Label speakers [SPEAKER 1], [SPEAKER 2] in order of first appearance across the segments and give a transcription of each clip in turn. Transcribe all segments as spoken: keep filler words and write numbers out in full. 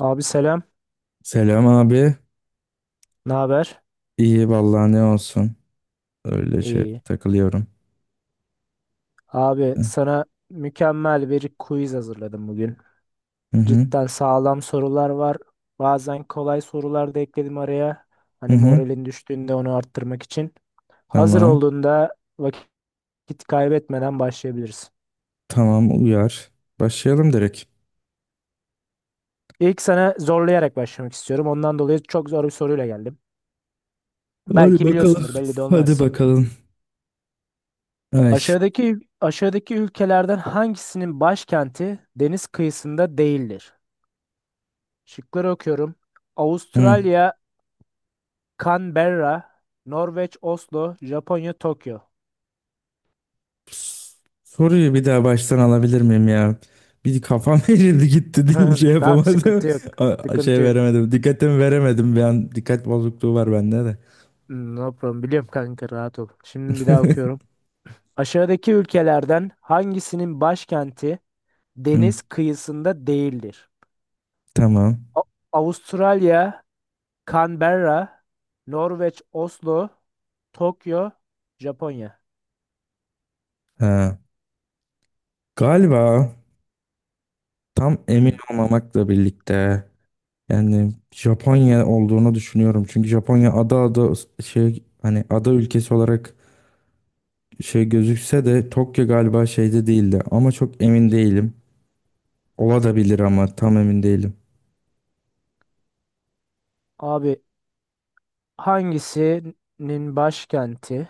[SPEAKER 1] Abi selam.
[SPEAKER 2] Selam abi.
[SPEAKER 1] Ne haber?
[SPEAKER 2] İyi vallahi ne olsun. Öyle şey
[SPEAKER 1] İyi.
[SPEAKER 2] takılıyorum.
[SPEAKER 1] Abi
[SPEAKER 2] Hı
[SPEAKER 1] sana mükemmel bir quiz hazırladım bugün.
[SPEAKER 2] hı,
[SPEAKER 1] Cidden sağlam sorular var. Bazen kolay sorular da ekledim araya.
[SPEAKER 2] hı
[SPEAKER 1] Hani
[SPEAKER 2] hı.
[SPEAKER 1] moralin düştüğünde onu arttırmak için. Hazır
[SPEAKER 2] Tamam.
[SPEAKER 1] olduğunda vakit kaybetmeden başlayabiliriz.
[SPEAKER 2] Tamam, uyar. Başlayalım direkt.
[SPEAKER 1] İlk sana zorlayarak başlamak istiyorum. Ondan dolayı çok zor bir soruyla geldim.
[SPEAKER 2] Hadi
[SPEAKER 1] Belki
[SPEAKER 2] bakalım.
[SPEAKER 1] biliyorsundur, belli de
[SPEAKER 2] Hadi
[SPEAKER 1] olmaz.
[SPEAKER 2] bakalım. Ay.
[SPEAKER 1] Aşağıdaki aşağıdaki ülkelerden hangisinin başkenti deniz kıyısında değildir? Şıkları okuyorum.
[SPEAKER 2] Hı.
[SPEAKER 1] Avustralya, Canberra, Norveç, Oslo, Japonya, Tokyo.
[SPEAKER 2] Soruyu bir daha baştan alabilir miyim ya? Bir kafam erirdi gitti değil şey
[SPEAKER 1] Tamam,
[SPEAKER 2] yapamadım.
[SPEAKER 1] sıkıntı yok.
[SPEAKER 2] A- Şey
[SPEAKER 1] Sıkıntı yok.
[SPEAKER 2] veremedim. Dikkatimi veremedim bir an. Dikkat bozukluğu var bende de.
[SPEAKER 1] Hmm, No problem. Biliyorum kanka, rahat ol. Şimdi bir daha okuyorum. Aşağıdaki ülkelerden hangisinin başkenti
[SPEAKER 2] Hı,
[SPEAKER 1] deniz kıyısında değildir?
[SPEAKER 2] tamam.
[SPEAKER 1] A- Avustralya, Canberra, Norveç, Oslo, Tokyo, Japonya.
[SPEAKER 2] Ha. Galiba, tam emin
[SPEAKER 1] Hmm.
[SPEAKER 2] olmamakla birlikte, Yani Japonya olduğunu düşünüyorum. Çünkü Japonya ada ada şey, hani ada ülkesi olarak şey gözükse de Tokyo galiba şeyde değildi. Ama çok emin değilim. Ola da bilir ama tam emin değilim.
[SPEAKER 1] Abi, hangisinin başkenti,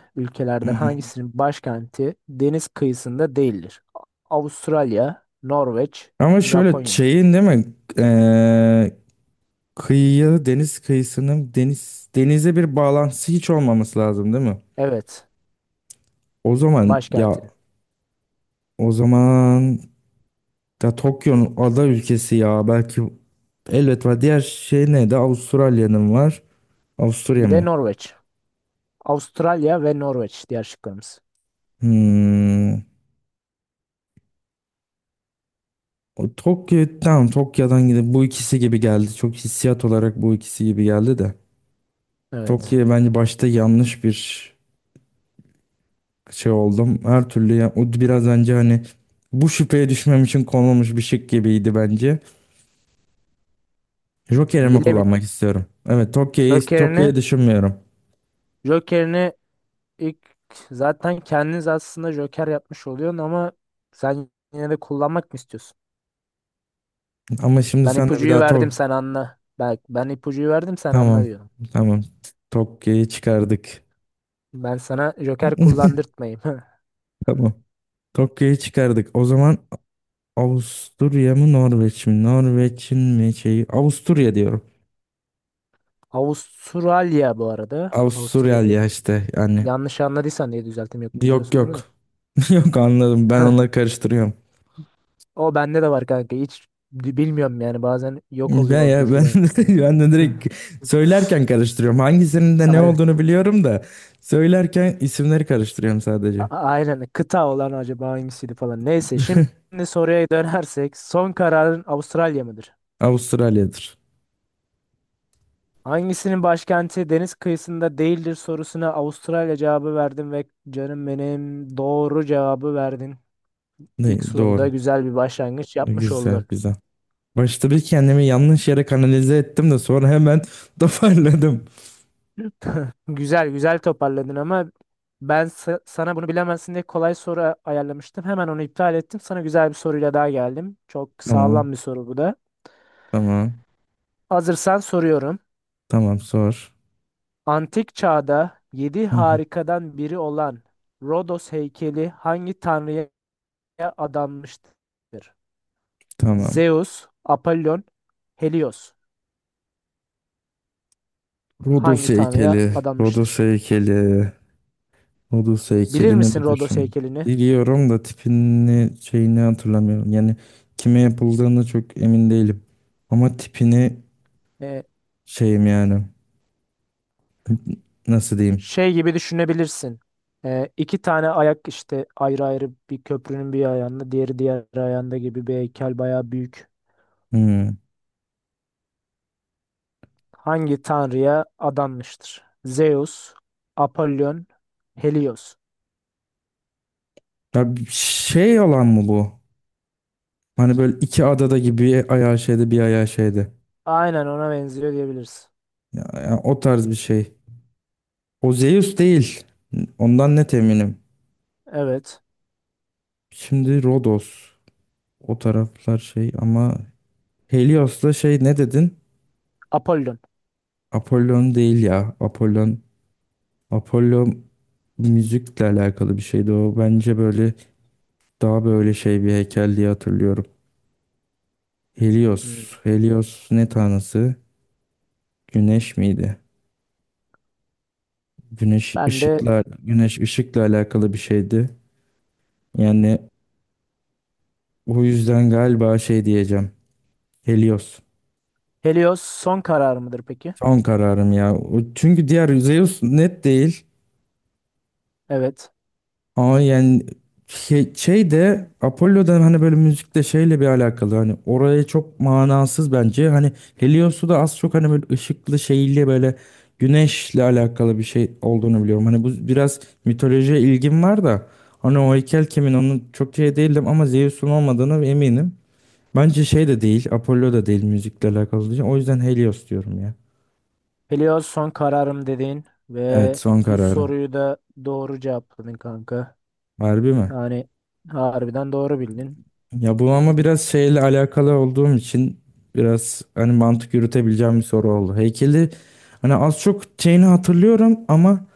[SPEAKER 2] Hı
[SPEAKER 1] ülkelerden
[SPEAKER 2] hı.
[SPEAKER 1] hangisinin başkenti deniz kıyısında değildir? Avustralya, Norveç,
[SPEAKER 2] Ama şöyle
[SPEAKER 1] Japonya.
[SPEAKER 2] şeyin değil mi? Ee, kıyıya deniz kıyısının deniz denize bir bağlantısı hiç olmaması lazım değil mi?
[SPEAKER 1] Evet,
[SPEAKER 2] O zaman ya
[SPEAKER 1] başkentinin.
[SPEAKER 2] o zaman da Tokyo'nun ada ülkesi, ya belki elbet var. Diğer şey ne de Avustralya'nın var. Avusturya
[SPEAKER 1] Bir de
[SPEAKER 2] mı?
[SPEAKER 1] Norveç. Avustralya ve Norveç diğer şıklarımız.
[SPEAKER 2] Hmm. O Tokyo, tamam, Tokyo'dan gidip bu ikisi gibi geldi. Çok hissiyat olarak bu ikisi gibi geldi de.
[SPEAKER 1] Evet.
[SPEAKER 2] Tokyo'ya bence başta yanlış bir şey oldum. Her türlü ya, o biraz önce hani bu şüpheye düşmem için konulmuş bir şık gibiydi bence. Joker'imi
[SPEAKER 1] Bilemiyorum.
[SPEAKER 2] kullanmak istiyorum. Evet, Tokyo'yu Tokyo'yu
[SPEAKER 1] Joker'ini
[SPEAKER 2] düşünmüyorum.
[SPEAKER 1] Joker'ini ilk zaten kendiniz aslında Joker yapmış oluyorsun ama sen yine de kullanmak mı istiyorsun?
[SPEAKER 2] Ama şimdi
[SPEAKER 1] Ben
[SPEAKER 2] sen de bir
[SPEAKER 1] ipucuyu
[SPEAKER 2] daha
[SPEAKER 1] verdim,
[SPEAKER 2] Tok...
[SPEAKER 1] sen anla. Bak, ben ipucuyu verdim sen anla
[SPEAKER 2] Tamam.
[SPEAKER 1] diyorum.
[SPEAKER 2] Tamam. Tokyo'yu çıkardık.
[SPEAKER 1] Ben sana Joker kullandırtmayayım.
[SPEAKER 2] Tamam. Tokyo'yu çıkardık. O zaman Avusturya mı Norveç mi? Norveç'in mi şeyi? Avusturya diyorum.
[SPEAKER 1] Avustralya bu arada.
[SPEAKER 2] Avusturyal
[SPEAKER 1] Avusturya.
[SPEAKER 2] ya işte yani.
[SPEAKER 1] Yanlış anladıysan diye düzelttim, yok
[SPEAKER 2] Yok,
[SPEAKER 1] biliyorsun değil
[SPEAKER 2] yok.
[SPEAKER 1] mi?
[SPEAKER 2] Yok, anladım. Ben onları karıştırıyorum.
[SPEAKER 1] O bende de var kanka. Hiç bi- bilmiyorum yani, bazen yok oluyor
[SPEAKER 2] Ben
[SPEAKER 1] o
[SPEAKER 2] ya
[SPEAKER 1] bilgi
[SPEAKER 2] ben
[SPEAKER 1] ben.
[SPEAKER 2] ben de direkt söylerken karıştırıyorum. Hangisinin de ne
[SPEAKER 1] Aynen.
[SPEAKER 2] olduğunu biliyorum da söylerken isimleri karıştırıyorum
[SPEAKER 1] A-
[SPEAKER 2] sadece.
[SPEAKER 1] Aynen. Kıta olan acaba hangisiydi falan. Neyse, şimdi soruya dönersek son kararın Avustralya mıdır?
[SPEAKER 2] Avustralya'dır.
[SPEAKER 1] Hangisinin başkenti deniz kıyısında değildir sorusuna Avustralya cevabı verdim ve canım benim, doğru cevabı verdin.
[SPEAKER 2] Ne,
[SPEAKER 1] İlk soruda
[SPEAKER 2] doğru.
[SPEAKER 1] güzel bir başlangıç yapmış
[SPEAKER 2] Güzel,
[SPEAKER 1] oldun.
[SPEAKER 2] güzel. Başta bir kendimi yanlış yere kanalize ettim de sonra hemen toparladım.
[SPEAKER 1] Güzel güzel toparladın ama ben sa- sana bunu bilemezsin diye kolay soru ayarlamıştım. Hemen onu iptal ettim. Sana güzel bir soruyla daha geldim. Çok
[SPEAKER 2] Tamam,
[SPEAKER 1] sağlam bir soru bu da.
[SPEAKER 2] tamam,
[SPEAKER 1] Hazırsan soruyorum.
[SPEAKER 2] tamam, sor.
[SPEAKER 1] Antik çağda yedi
[SPEAKER 2] Hı hı,
[SPEAKER 1] harikadan biri olan Rodos heykeli hangi tanrıya adanmıştır?
[SPEAKER 2] tamam.
[SPEAKER 1] Zeus, Apollon, Helios.
[SPEAKER 2] Rodos
[SPEAKER 1] Hangi tanrıya
[SPEAKER 2] heykeli. Rodos
[SPEAKER 1] adanmıştır?
[SPEAKER 2] heykeli. Rodos
[SPEAKER 1] Bilir
[SPEAKER 2] heykelini
[SPEAKER 1] misin
[SPEAKER 2] bir
[SPEAKER 1] Rodos
[SPEAKER 2] düşün.
[SPEAKER 1] heykelini?
[SPEAKER 2] Biliyorum da tipini şeyini hatırlamıyorum. Yani kime yapıldığını çok emin değilim. Ama tipini
[SPEAKER 1] Ee,
[SPEAKER 2] şeyim yani. Nasıl diyeyim?
[SPEAKER 1] Şey gibi düşünebilirsin. Ee, iki tane ayak işte ayrı ayrı, bir köprünün bir ayağında, diğeri diğer ayağında gibi bir heykel, bayağı büyük.
[SPEAKER 2] Hmm.
[SPEAKER 1] Hangi tanrıya adanmıştır? Zeus, Apollon, Helios.
[SPEAKER 2] Ya bir şey olan mı bu? Hani böyle iki adada gibi, bir ayağı şeyde bir ayağı şeyde.
[SPEAKER 1] Aynen, ona benziyor diyebiliriz.
[SPEAKER 2] Ya, ya o tarz bir şey. O Zeus değil. Ondan net eminim.
[SPEAKER 1] Evet.
[SPEAKER 2] Şimdi Rodos. O taraflar şey ama Helios'la şey ne dedin?
[SPEAKER 1] Apollon.
[SPEAKER 2] Apollon değil ya. Apollon. Apollo müzikle alakalı bir şeydi o. Bence böyle daha böyle şey bir heykel diye hatırlıyorum.
[SPEAKER 1] Hmm.
[SPEAKER 2] Helios. Helios ne tanrısı? Güneş miydi? Güneş
[SPEAKER 1] Ben de.
[SPEAKER 2] ışıkla güneş ışıkla alakalı bir şeydi. Yani o yüzden galiba şey diyeceğim. Helios.
[SPEAKER 1] Helios son karar mıdır peki?
[SPEAKER 2] Son kararım ya. O- Çünkü diğer, Zeus net değil.
[SPEAKER 1] Evet.
[SPEAKER 2] Ama yani şey, şey de Apollo'da hani böyle müzikle şeyle bir alakalı, hani oraya çok manasız bence. Hani Helios'u da az çok hani böyle ışıklı şeyli böyle güneşle alakalı bir şey olduğunu biliyorum. Hani bu biraz mitolojiye ilgim var da hani o heykel kimin, onun çok şey değildim ama Zeus'un olmadığını eminim. Bence şey de değil, Apollo da değil müzikle alakalı. O yüzden Helios diyorum ya.
[SPEAKER 1] Helios son kararım dedin
[SPEAKER 2] Evet,
[SPEAKER 1] ve
[SPEAKER 2] son
[SPEAKER 1] bu
[SPEAKER 2] kararım.
[SPEAKER 1] soruyu da doğru cevapladın kanka.
[SPEAKER 2] Harbi mi?
[SPEAKER 1] Yani harbiden doğru bildin.
[SPEAKER 2] Ya bu
[SPEAKER 1] Hmm.
[SPEAKER 2] ama biraz şeyle alakalı olduğum için biraz hani mantık yürütebileceğim bir soru oldu. Heykeli hani az çok şeyini hatırlıyorum ama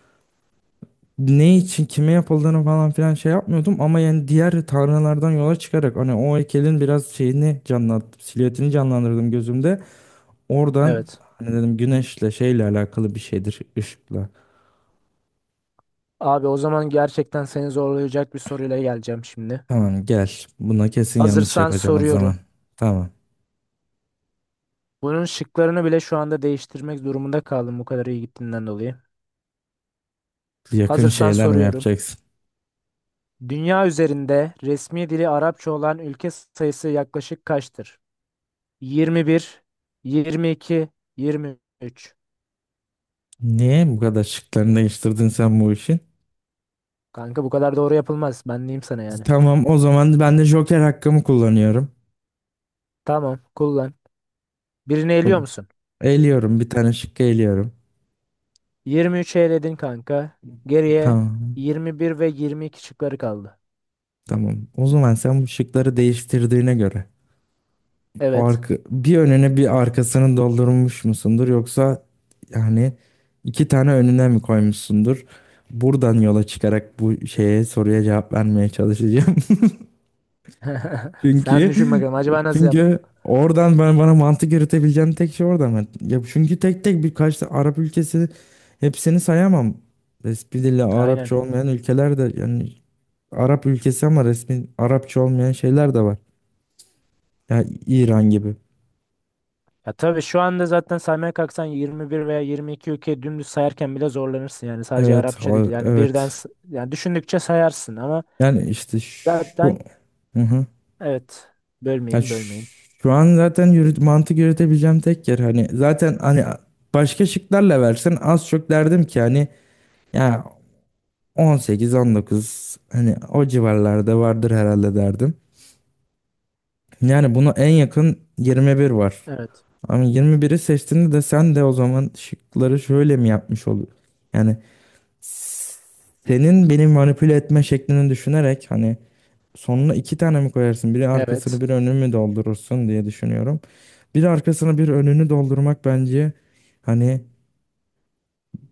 [SPEAKER 2] ne için kime yapıldığını falan filan şey yapmıyordum, ama yani diğer tanrılardan yola çıkarak hani o heykelin biraz şeyini canlattım, silüetini canlandırdım gözümde. Oradan
[SPEAKER 1] Evet.
[SPEAKER 2] hani dedim güneşle şeyle alakalı bir şeydir, ışıkla.
[SPEAKER 1] Abi, o zaman gerçekten seni zorlayacak bir soruyla geleceğim şimdi.
[SPEAKER 2] Tamam, gel, buna kesin yanlış
[SPEAKER 1] Hazırsan
[SPEAKER 2] yapacağım o zaman.
[SPEAKER 1] soruyorum.
[SPEAKER 2] Tamam,
[SPEAKER 1] Bunun şıklarını bile şu anda değiştirmek durumunda kaldım, bu kadar iyi gittiğinden dolayı.
[SPEAKER 2] yakın
[SPEAKER 1] Hazırsan
[SPEAKER 2] şeyler mi
[SPEAKER 1] soruyorum.
[SPEAKER 2] yapacaksın?
[SPEAKER 1] Dünya üzerinde resmi dili Arapça olan ülke sayısı yaklaşık kaçtır? yirmi bir, yirmi iki, yirmi üç.
[SPEAKER 2] Niye bu kadar şıklarını değiştirdin sen bu işin?
[SPEAKER 1] Kanka bu kadar doğru yapılmaz. Ben diyeyim sana yani.
[SPEAKER 2] Tamam, o zaman ben de Joker hakkımı kullanıyorum.
[SPEAKER 1] Tamam, kullan. Birini eliyor
[SPEAKER 2] Bu-
[SPEAKER 1] musun?
[SPEAKER 2] Eğiliyorum, bir tane şıkkı eğiliyorum.
[SPEAKER 1] yirmi üçü eledin kanka. Geriye
[SPEAKER 2] Tamam.
[SPEAKER 1] yirmi bir ve yirmi iki şıkları kaldı.
[SPEAKER 2] Tamam. O zaman sen bu şıkları değiştirdiğine göre
[SPEAKER 1] Evet.
[SPEAKER 2] arka, bir önüne bir arkasını doldurmuş musundur, yoksa yani iki tane önüne mi koymuşsundur? Buradan yola çıkarak bu şeye soruya cevap vermeye çalışacağım.
[SPEAKER 1] Sen
[SPEAKER 2] Çünkü
[SPEAKER 1] düşün bakalım acaba nasıl
[SPEAKER 2] çünkü
[SPEAKER 1] yaptın?
[SPEAKER 2] oradan, ben bana mantık yürütebileceğim tek şey oradan. Ben- Ya çünkü tek tek birkaç tane Arap ülkesi, hepsini sayamam. Resmi dili
[SPEAKER 1] Aynen.
[SPEAKER 2] Arapça olmayan ülkeler de yani Arap ülkesi ama resmi Arapça olmayan şeyler de var. Yani İran gibi.
[SPEAKER 1] Ya tabii şu anda zaten saymaya kalksan yirmi bir veya yirmi iki ülke dümdüz sayarken bile zorlanırsın yani, sadece
[SPEAKER 2] Evet,
[SPEAKER 1] Arapça
[SPEAKER 2] ha-
[SPEAKER 1] değil yani birden
[SPEAKER 2] evet.
[SPEAKER 1] s- yani düşündükçe sayarsın ama
[SPEAKER 2] Yani işte şu.
[SPEAKER 1] zaten
[SPEAKER 2] Hı hı.
[SPEAKER 1] evet
[SPEAKER 2] Ya
[SPEAKER 1] bölmeyeyim
[SPEAKER 2] şu,
[SPEAKER 1] bölmeyeyim.
[SPEAKER 2] şu an zaten yürüt, mantık yürütebileceğim tek yer hani, zaten hani başka şıklarla versen az çok derdim ki hani ya On sekiz, on dokuz, hani o civarlarda vardır herhalde derdim. Yani buna en yakın yirmi bir var.
[SPEAKER 1] Evet.
[SPEAKER 2] Ama yirmi biri seçtiğinde de sen de o zaman şıkları şöyle mi yapmış oluyor? Yani, s- senin beni manipüle etme şeklini düşünerek hani sonuna iki tane mi koyarsın, biri arkasını
[SPEAKER 1] Evet.
[SPEAKER 2] bir önünü mü doldurursun diye düşünüyorum. Bir arkasını bir önünü doldurmak bence hani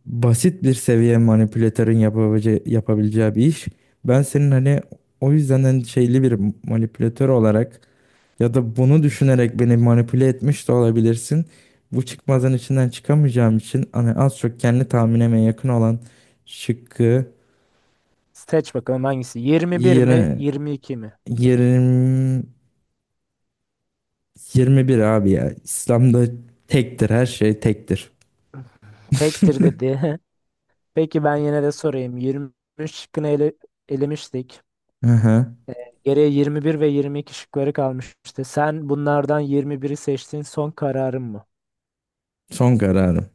[SPEAKER 2] basit bir seviye manipülatörün yapabileceği, yapabileceği bir iş. Ben senin hani, o yüzden hani şeyli bir manipülatör olarak ya da bunu
[SPEAKER 1] Hı.
[SPEAKER 2] düşünerek beni manipüle etmiş de olabilirsin. Bu çıkmazın içinden çıkamayacağım için hani az çok kendi tahminime yakın olan şıkkı,
[SPEAKER 1] Seç bakalım hangisi? yirmi bir mi
[SPEAKER 2] yirmi
[SPEAKER 1] yirmi iki mi?
[SPEAKER 2] yirmi yirmi bir abi ya. İslam'da tektir, her şey tektir.
[SPEAKER 1] Tektir dedi. Peki ben yine de sorayım. yirmi üç şıkkını ele, elemiştik.
[SPEAKER 2] Hı hı.
[SPEAKER 1] Geriye yirmi bir ve yirmi iki şıkları kalmıştı. Sen bunlardan yirmi biri seçtin. Son kararın mı?
[SPEAKER 2] Son kararım.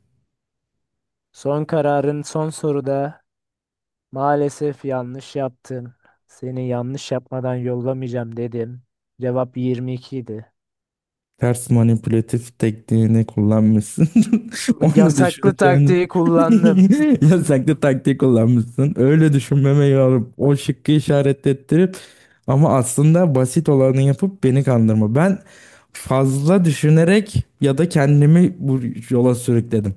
[SPEAKER 1] Son kararın son soruda maalesef yanlış yaptın. Seni yanlış yapmadan yollamayacağım dedim. Cevap yirmi iki idi.
[SPEAKER 2] Ters manipülatif tekniğini kullanmışsın. Onu
[SPEAKER 1] Yasaklı
[SPEAKER 2] düşüneceğini.
[SPEAKER 1] taktiği kullandım.
[SPEAKER 2] Yasaklı taktiği kullanmışsın. Öyle düşünmemeyi alıp o şıkkı işaret ettirip ama aslında basit olanı yapıp beni kandırma. Ben fazla düşünerek ya da kendimi bu yola sürükledim.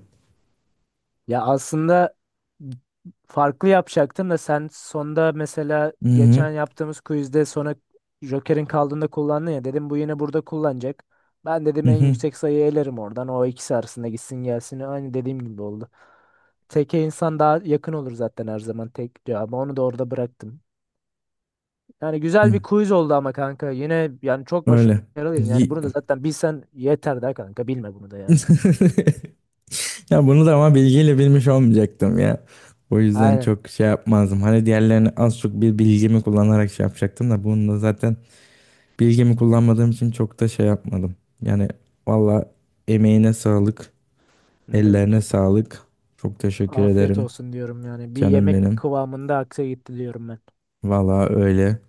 [SPEAKER 1] Ya aslında farklı yapacaktım da sen sonda, mesela
[SPEAKER 2] Hı hı.
[SPEAKER 1] geçen yaptığımız quizde sonra Joker'in kaldığında kullandın ya, dedim bu yine burada kullanacak. Ben
[SPEAKER 2] Hı
[SPEAKER 1] dedim en
[SPEAKER 2] hı.
[SPEAKER 1] yüksek sayıyı elerim, oradan o ikisi arasında gitsin gelsin, aynı dediğim gibi oldu. Teke insan daha yakın olur zaten her zaman, tek cevabı onu da orada bıraktım. Yani
[SPEAKER 2] Hı.
[SPEAKER 1] güzel bir quiz oldu ama kanka, yine yani çok
[SPEAKER 2] Öyle.
[SPEAKER 1] başarılıydın yani,
[SPEAKER 2] Yi-
[SPEAKER 1] bunu da zaten bilsen yeter de kanka, bilme bunu da yani.
[SPEAKER 2] Ya, bunu da ama bilgiyle bilmiş olmayacaktım ya. O yüzden
[SPEAKER 1] Aynen,
[SPEAKER 2] çok şey yapmazdım. Hani diğerlerini az çok bir bilgimi kullanarak şey yapacaktım da bunu da zaten bilgimi kullanmadığım için çok da şey yapmadım. Yani valla, emeğine sağlık,
[SPEAKER 1] ne
[SPEAKER 2] ellerine
[SPEAKER 1] demek.
[SPEAKER 2] sağlık. Çok teşekkür
[SPEAKER 1] Afiyet
[SPEAKER 2] ederim
[SPEAKER 1] olsun diyorum yani. Bir
[SPEAKER 2] canım
[SPEAKER 1] yemek
[SPEAKER 2] benim.
[SPEAKER 1] kıvamında aksa gitti diyorum ben.
[SPEAKER 2] Valla öyle.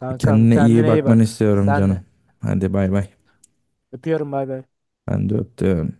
[SPEAKER 1] Kankam
[SPEAKER 2] Kendine iyi
[SPEAKER 1] kendine iyi
[SPEAKER 2] bakmanı
[SPEAKER 1] bak.
[SPEAKER 2] istiyorum
[SPEAKER 1] Sen
[SPEAKER 2] canım.
[SPEAKER 1] de.
[SPEAKER 2] Hadi bay bay.
[SPEAKER 1] Öpüyorum, bay bay.
[SPEAKER 2] Ben de öptüm.